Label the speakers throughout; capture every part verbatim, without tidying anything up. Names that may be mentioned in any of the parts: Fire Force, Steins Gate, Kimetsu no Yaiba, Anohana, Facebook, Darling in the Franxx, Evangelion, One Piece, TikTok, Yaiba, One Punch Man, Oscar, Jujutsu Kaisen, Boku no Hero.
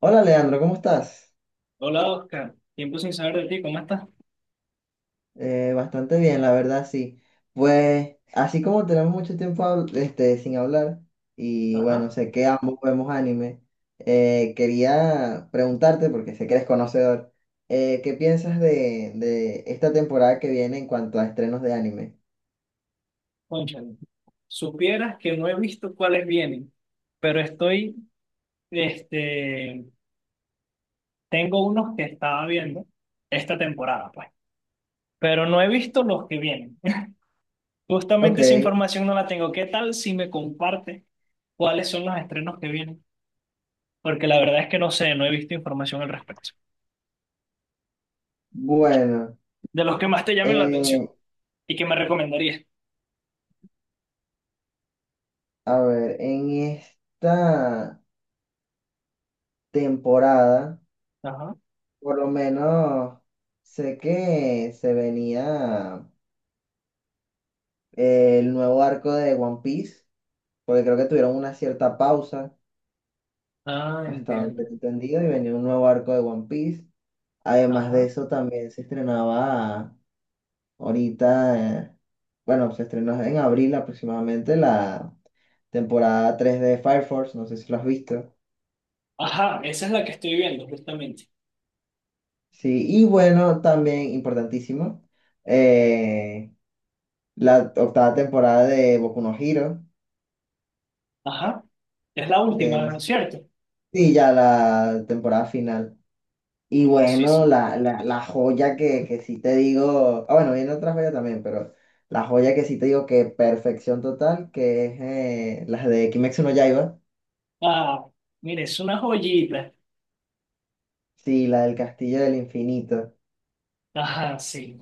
Speaker 1: Hola Leandro, ¿cómo estás?
Speaker 2: Hola Oscar, tiempo sin saber de ti, ¿cómo estás?
Speaker 1: Eh, bastante bien, la verdad, sí. Pues así como tenemos mucho tiempo habl- este, sin hablar, y
Speaker 2: Ajá,
Speaker 1: bueno, sé que ambos vemos anime. Eh, quería preguntarte, porque sé que eres conocedor, eh, ¿qué piensas de, de esta temporada que viene en cuanto a estrenos de anime?
Speaker 2: cónchale. Supieras que no he visto cuáles vienen, pero estoy, este, tengo unos que estaba viendo esta temporada, pues, pero no he visto los que vienen.
Speaker 1: Ok,
Speaker 2: Justamente esa información no la tengo. ¿Qué tal si me comparte cuáles son los estrenos que vienen? Porque la verdad es que no sé, no he visto información al respecto.
Speaker 1: bueno,
Speaker 2: De los que más te llamen la atención
Speaker 1: eh,
Speaker 2: y que me recomendarías.
Speaker 1: a ver, en esta temporada,
Speaker 2: Ajá.
Speaker 1: por lo menos sé que se venía... eh, el nuevo arco de One Piece, porque creo que tuvieron una cierta pausa,
Speaker 2: Ah,
Speaker 1: hasta donde
Speaker 2: entiendo.
Speaker 1: tengo entendido, y venía un nuevo arco de One Piece. Además de
Speaker 2: Ajá.
Speaker 1: eso, también se estrenaba ahorita, eh, bueno, se estrenó en abril aproximadamente la temporada tres de Fire Force, no sé si lo has visto.
Speaker 2: Ajá, esa es la que estoy viendo justamente.
Speaker 1: Sí, y bueno, también importantísimo, eh, la octava temporada de Boku no Hero.
Speaker 2: Ajá, es la
Speaker 1: Eh, no
Speaker 2: última,
Speaker 1: sé si-
Speaker 2: ¿cierto?
Speaker 1: Sí, ya la temporada final. Y
Speaker 2: Sí, no, sí,
Speaker 1: bueno,
Speaker 2: sí.
Speaker 1: la, la, la joya que, que sí te digo, ah, bueno, viene otra joya también, pero la joya que sí te digo que perfección total, que es, eh, la de Kimetsu no Yaiba,
Speaker 2: Ah, mire, es una joyita.
Speaker 1: sí, la del Castillo del Infinito.
Speaker 2: Ajá, sí,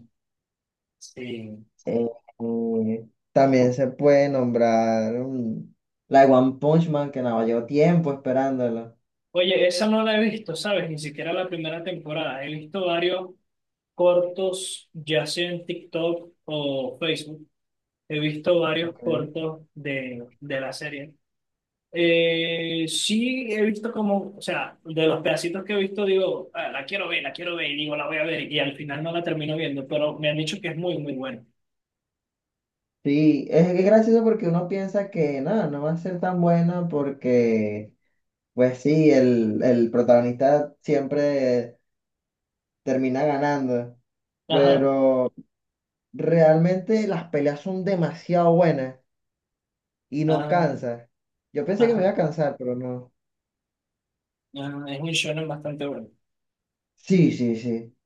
Speaker 2: sí.
Speaker 1: Eh, eh, También se puede nombrar, mm, la de One Punch Man, que nada, llevo tiempo esperándola.
Speaker 2: Oye, esa no la he visto, ¿sabes? Ni siquiera la primera temporada. He visto varios cortos, ya sea en TikTok o Facebook. He visto varios
Speaker 1: Okay.
Speaker 2: cortos de, de la serie. Eh, sí, he visto como, o sea, de los pedacitos que he visto, digo, "Ah, la quiero ver, la quiero ver", y digo, la voy a ver, y al final no la termino viendo, pero me han dicho que es muy, muy bueno.
Speaker 1: Sí, es, es gracioso porque uno piensa que nada, no va a ser tan buena porque, pues sí, el, el protagonista siempre... termina ganando.
Speaker 2: Ajá,
Speaker 1: Pero realmente las peleas son demasiado buenas y no
Speaker 2: ajá,
Speaker 1: cansa. Yo pensé que me iba
Speaker 2: ajá,
Speaker 1: a cansar, pero no.
Speaker 2: ajá, es un shonen bastante bueno.
Speaker 1: Sí, sí, sí.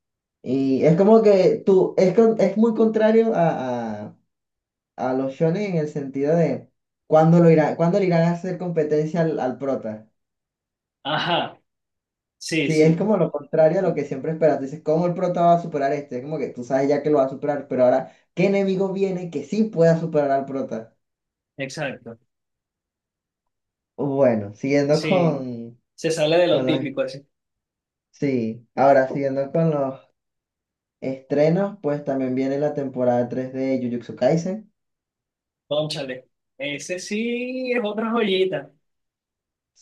Speaker 1: Y es como que tú, es, con- es muy contrario a, a- a los shonen en el sentido de cuándo lo irá, cuándo le irán a hacer competencia al, al prota.
Speaker 2: Ajá, sí,
Speaker 1: Sí, es
Speaker 2: sí,
Speaker 1: como lo contrario a lo que siempre esperas. Dices, ¿cómo el prota va a superar a este? Es como que tú sabes ya que lo va a superar, pero ahora, ¿qué enemigo viene que sí pueda superar al prota?
Speaker 2: exacto.
Speaker 1: Bueno, siguiendo
Speaker 2: Sí,
Speaker 1: con,
Speaker 2: se sale de lo
Speaker 1: Con los,
Speaker 2: típico, así,
Speaker 1: sí, ahora siguiendo con los estrenos, pues también viene la temporada tres de Jujutsu Kaisen.
Speaker 2: cónchale. Ese sí es otra joyita.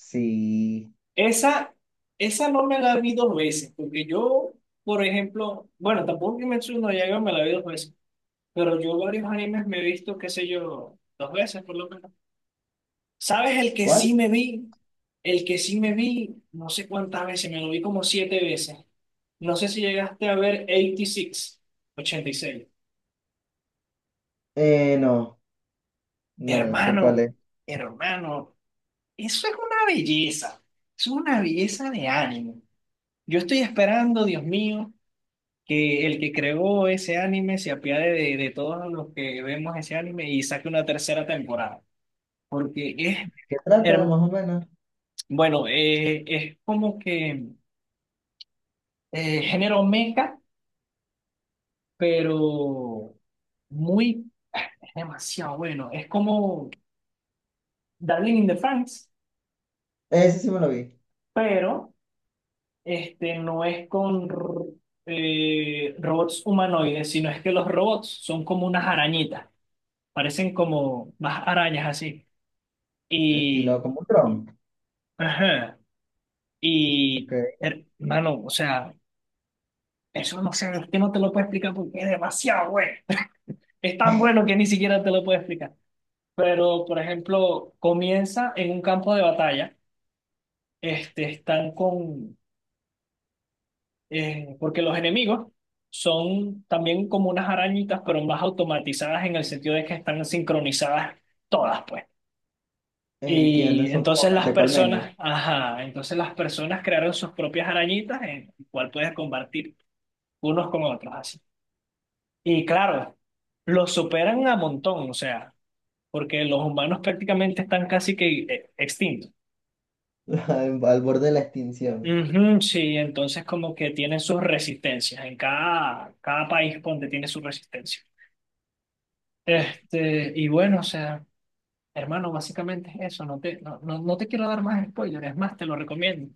Speaker 1: Sí,
Speaker 2: Esa, esa no me la vi dos veces, porque yo, por ejemplo, bueno, tampoco que me no Yaiba me la vi dos veces. Pero yo varios animes me he visto, qué sé yo, dos veces por lo menos. ¿Sabes el que
Speaker 1: ¿cuál?
Speaker 2: sí me vi? El que sí me vi, no sé cuántas veces, me lo vi como siete veces. No sé si llegaste a ver ochenta y seis ochenta y seis.
Speaker 1: Eh, no, no, no sé cuál
Speaker 2: Hermano,
Speaker 1: es.
Speaker 2: hermano, eso es una belleza. Eso es una belleza de anime. Yo estoy esperando, Dios mío, que el que creó ese anime se apiade de, de todos los que vemos ese anime y saque una tercera temporada. Porque es...
Speaker 1: ¿Qué trata,
Speaker 2: hermoso.
Speaker 1: más o menos?
Speaker 2: Bueno, eh, es como que eh, género meca, pero muy, ah, es demasiado bueno. Es como Darling in the Franxx,
Speaker 1: Ese sí me lo vi.
Speaker 2: pero este, no es con r- eh, robots humanoides, sino es que los robots son como unas arañitas, parecen como más arañas así.
Speaker 1: Estilo
Speaker 2: Y,
Speaker 1: como un dron.
Speaker 2: ajá,
Speaker 1: Ok.
Speaker 2: y hermano, o sea, eso no sé, es que no te lo puedo explicar porque es demasiado bueno. Es tan bueno que ni siquiera te lo puedo explicar. Pero, por ejemplo, comienza en un campo de batalla. Este, están con... eh, porque los enemigos son también como unas arañitas, pero más automatizadas en el sentido de que están sincronizadas todas, pues.
Speaker 1: Entiendo,
Speaker 2: Y
Speaker 1: son como
Speaker 2: entonces las
Speaker 1: mente
Speaker 2: personas, ajá, entonces las personas crearon sus propias arañitas en el cual puedes combatir unos con otros, así. Y claro, los superan a montón, o sea. Porque los humanos prácticamente están casi que eh, extintos.
Speaker 1: al al borde de la extinción.
Speaker 2: Ujú, sí, entonces como que tienen sus resistencias, en cada, cada país donde tiene su resistencia. Este, y bueno, o sea, hermano, básicamente es eso, no te, no, no, no te quiero dar más spoilers, es más, te lo recomiendo.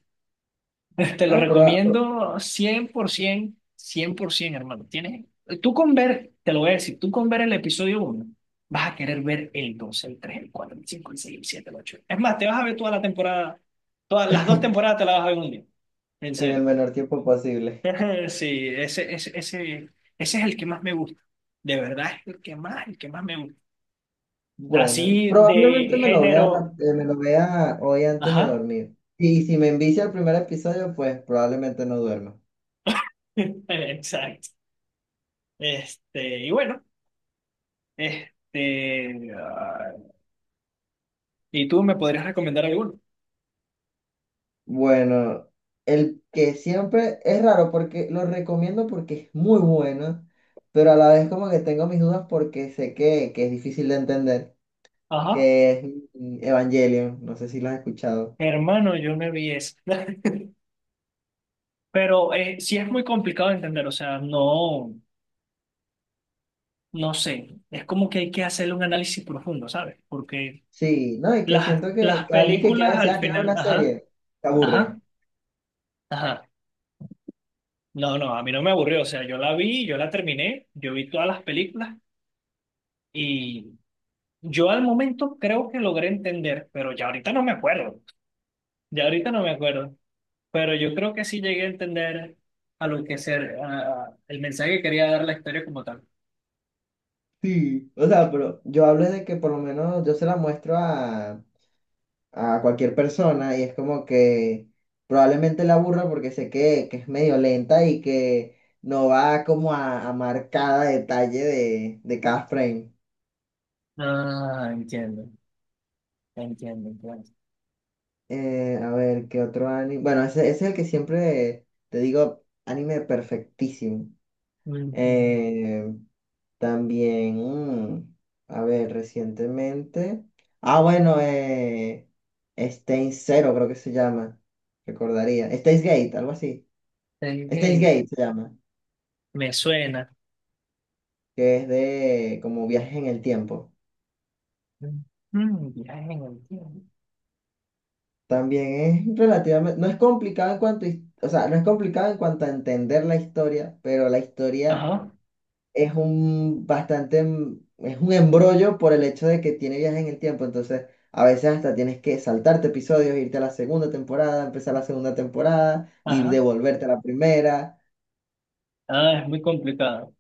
Speaker 2: Te lo
Speaker 1: Ah, pero
Speaker 2: recomiendo cien cien por ciento, cien por cien por ciento, hermano. Tienes, tú con ver, te lo voy a decir, tú con ver el episodio uno vas a querer ver el dos, el tres, el cuatro, el cinco, el seis, el siete, el ocho. Es más, te vas a ver toda la temporada, todas las dos temporadas te las vas a ver en un día. En
Speaker 1: en el
Speaker 2: serio.
Speaker 1: menor tiempo posible.
Speaker 2: Sí, ese, ese, ese, ese es el que más me gusta. De verdad, es el que más, el que más me gusta.
Speaker 1: Bueno,
Speaker 2: Así
Speaker 1: probablemente
Speaker 2: de
Speaker 1: me lo vea,
Speaker 2: género.
Speaker 1: rap- eh, me lo vea hoy antes de
Speaker 2: Ajá.
Speaker 1: dormir. Y si me envicia el primer episodio, pues probablemente no duerma.
Speaker 2: Exacto. Este, y bueno, este, ¿y tú me podrías recomendar alguno?
Speaker 1: Bueno, el que siempre es raro porque lo recomiendo porque es muy bueno, pero a la vez como que tengo mis dudas porque sé que, que es difícil de entender,
Speaker 2: Ajá,
Speaker 1: que es, mm, Evangelion, no sé si lo has escuchado.
Speaker 2: hermano, yo no vi eso. Pero eh, sí es muy complicado de entender, o sea, no, no sé, es como que hay que hacerle un análisis profundo, ¿sabes? Porque
Speaker 1: Sí, no, y que
Speaker 2: las,
Speaker 1: siento que,
Speaker 2: las
Speaker 1: que alguien que quiera
Speaker 2: películas
Speaker 1: decir,
Speaker 2: al
Speaker 1: ah, quiero ver
Speaker 2: final,
Speaker 1: una
Speaker 2: ajá,
Speaker 1: serie, se aburre.
Speaker 2: ajá, ajá. No, no, a mí no me aburrió, o sea, yo la vi, yo la terminé, yo vi todas las películas y yo al momento creo que logré entender, pero ya ahorita no me acuerdo, ya ahorita no me acuerdo. Pero yo creo que sí llegué a entender a lo que ser, a- a- el mensaje que quería dar la historia como tal.
Speaker 1: Sí, o sea, pero yo hablo de que por lo menos yo se la muestro a, a cualquier persona y es como que probablemente la aburra porque sé que, que es medio lenta y que no va como a, a marcar cada detalle de, de cada frame.
Speaker 2: Ah, entiendo, entiendo, entiendo.
Speaker 1: Eh, a ver, ¿qué otro anime? Bueno, ese, ese es el que siempre te digo, anime perfectísimo.
Speaker 2: Ujú.
Speaker 1: Eh, También, mm, a ver, recientemente. Ah, bueno, eh, Steins Zero creo que se llama. Recordaría. Steins Gate, algo así. Steins
Speaker 2: Ok.
Speaker 1: Gate se llama.
Speaker 2: Me suena.
Speaker 1: Que es de como viajes en el tiempo.
Speaker 2: Mm, bien, entiendo.
Speaker 1: También es relativamente. No es complicado en cuanto. A his- o sea, no es complicado en cuanto a entender la historia, pero la historia
Speaker 2: Ajá,
Speaker 1: es un bastante, em- es un embrollo por el hecho de que tiene viajes en el tiempo, entonces a veces hasta tienes que saltarte episodios, irte a la segunda temporada, empezar la segunda temporada y
Speaker 2: ajá.
Speaker 1: devolverte a la primera,
Speaker 2: Ah, es muy complicado.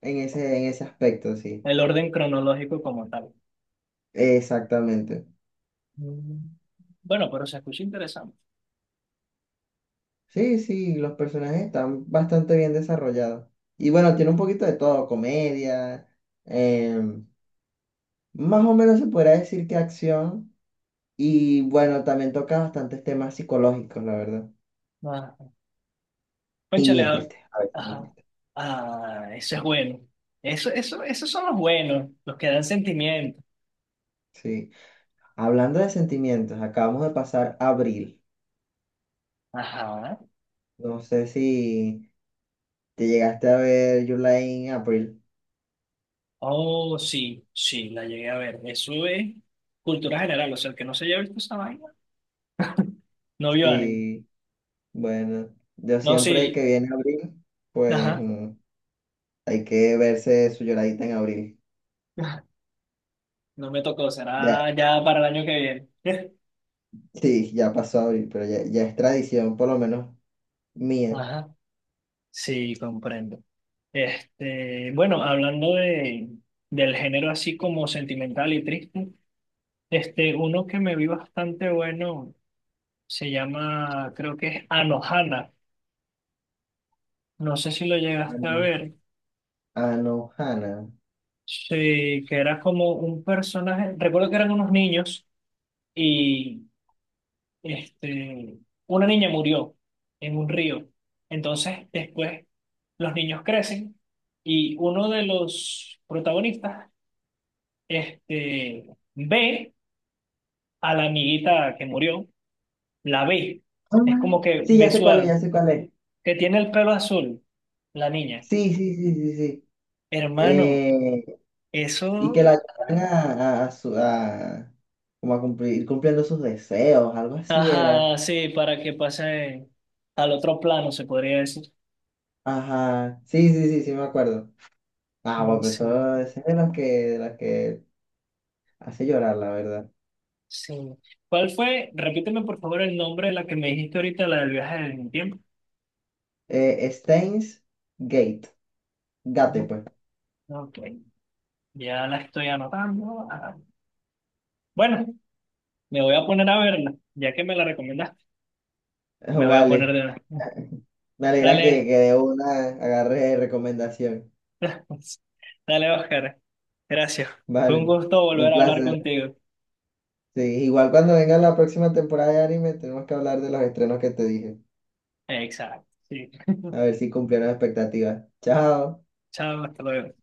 Speaker 1: en ese, en ese aspecto, sí,
Speaker 2: El orden cronológico como tal.
Speaker 1: exactamente.
Speaker 2: Mm. Bueno, pero se escucha interesante.
Speaker 1: Sí, sí, los personajes están bastante bien desarrollados. Y bueno, tiene un poquito de todo, comedia, em, más o menos se podría decir que acción, y bueno, también toca bastantes temas psicológicos, la verdad.
Speaker 2: Ah,
Speaker 1: Y
Speaker 2: cónchale,
Speaker 1: es
Speaker 2: ah,
Speaker 1: triste, a veces es
Speaker 2: ajá.
Speaker 1: triste.
Speaker 2: Ah, eso es bueno. Eso, eso, esos son los buenos, los que dan sentimiento.
Speaker 1: Sí. Hablando de sentimientos, acabamos de pasar abril.
Speaker 2: Ajá.
Speaker 1: No sé si te llegaste a ver July en abril.
Speaker 2: Oh, sí, sí, la llegué a ver. Eso es cultura general, o sea, el que no se haya visto esa vaina, no vio anime.
Speaker 1: Sí, bueno, yo
Speaker 2: No,
Speaker 1: siempre
Speaker 2: sí,
Speaker 1: que viene abril, pues,
Speaker 2: ajá,
Speaker 1: mm, hay que verse su lloradita en abril.
Speaker 2: no me tocó,
Speaker 1: Ya,
Speaker 2: será ya para el año que viene.
Speaker 1: sí, ya pasó abril, pero ya, ya es tradición, por lo menos mía.
Speaker 2: Ajá, sí, comprendo. Este, bueno, hablando de, del género así como sentimental y triste, este, uno que me vi bastante bueno se llama, creo que es Anohana. No sé si lo llegaste a
Speaker 1: Ano-
Speaker 2: ver.
Speaker 1: Anohana.
Speaker 2: Sí, que era como un personaje, recuerdo que eran unos niños y este, una niña murió en un río. Entonces, después los niños crecen y uno de los protagonistas este, ve a la amiguita que murió, la ve.
Speaker 1: Ah,
Speaker 2: Es como que
Speaker 1: sí,
Speaker 2: ve
Speaker 1: ya sé
Speaker 2: su
Speaker 1: cuál es,
Speaker 2: alma,
Speaker 1: ya sé cuál es.
Speaker 2: que tiene el pelo azul, la niña.
Speaker 1: Sí, sí, sí, sí, sí.
Speaker 2: Hermano,
Speaker 1: Eh, y que la
Speaker 2: eso,
Speaker 1: ayudan a, a, a su- a- como a cumplir, ir cumpliendo sus deseos, algo así era.
Speaker 2: ajá, sí, para que pase al otro plano, se podría decir.
Speaker 1: Ajá, sí, sí, sí, sí me acuerdo. Ah, bueno, pues
Speaker 2: Sí.
Speaker 1: eso, ese es de las que, de las que hace llorar, la verdad.
Speaker 2: Sí. ¿Cuál fue? Repíteme por favor el nombre de la que me dijiste ahorita, la del viaje del tiempo.
Speaker 1: Eh, Steins Gate, Gate,
Speaker 2: Mm,
Speaker 1: pues.
Speaker 2: ok, ya la estoy anotando. Ah, bueno, me voy a poner a verla, ya que me la recomendaste, me voy a poner
Speaker 1: Vale,
Speaker 2: de una.
Speaker 1: me alegra que,
Speaker 2: Dale,
Speaker 1: que de una agarre recomendación.
Speaker 2: dale, Oscar. Gracias. Fue un
Speaker 1: Vale,
Speaker 2: gusto
Speaker 1: un
Speaker 2: volver a hablar
Speaker 1: placer.
Speaker 2: contigo.
Speaker 1: Sí, igual cuando venga la próxima temporada de anime, tenemos que hablar de los estrenos que te dije.
Speaker 2: Exacto. Sí.
Speaker 1: A ver si cumplieron expectativas. Chao.
Speaker 2: Chao, hasta luego.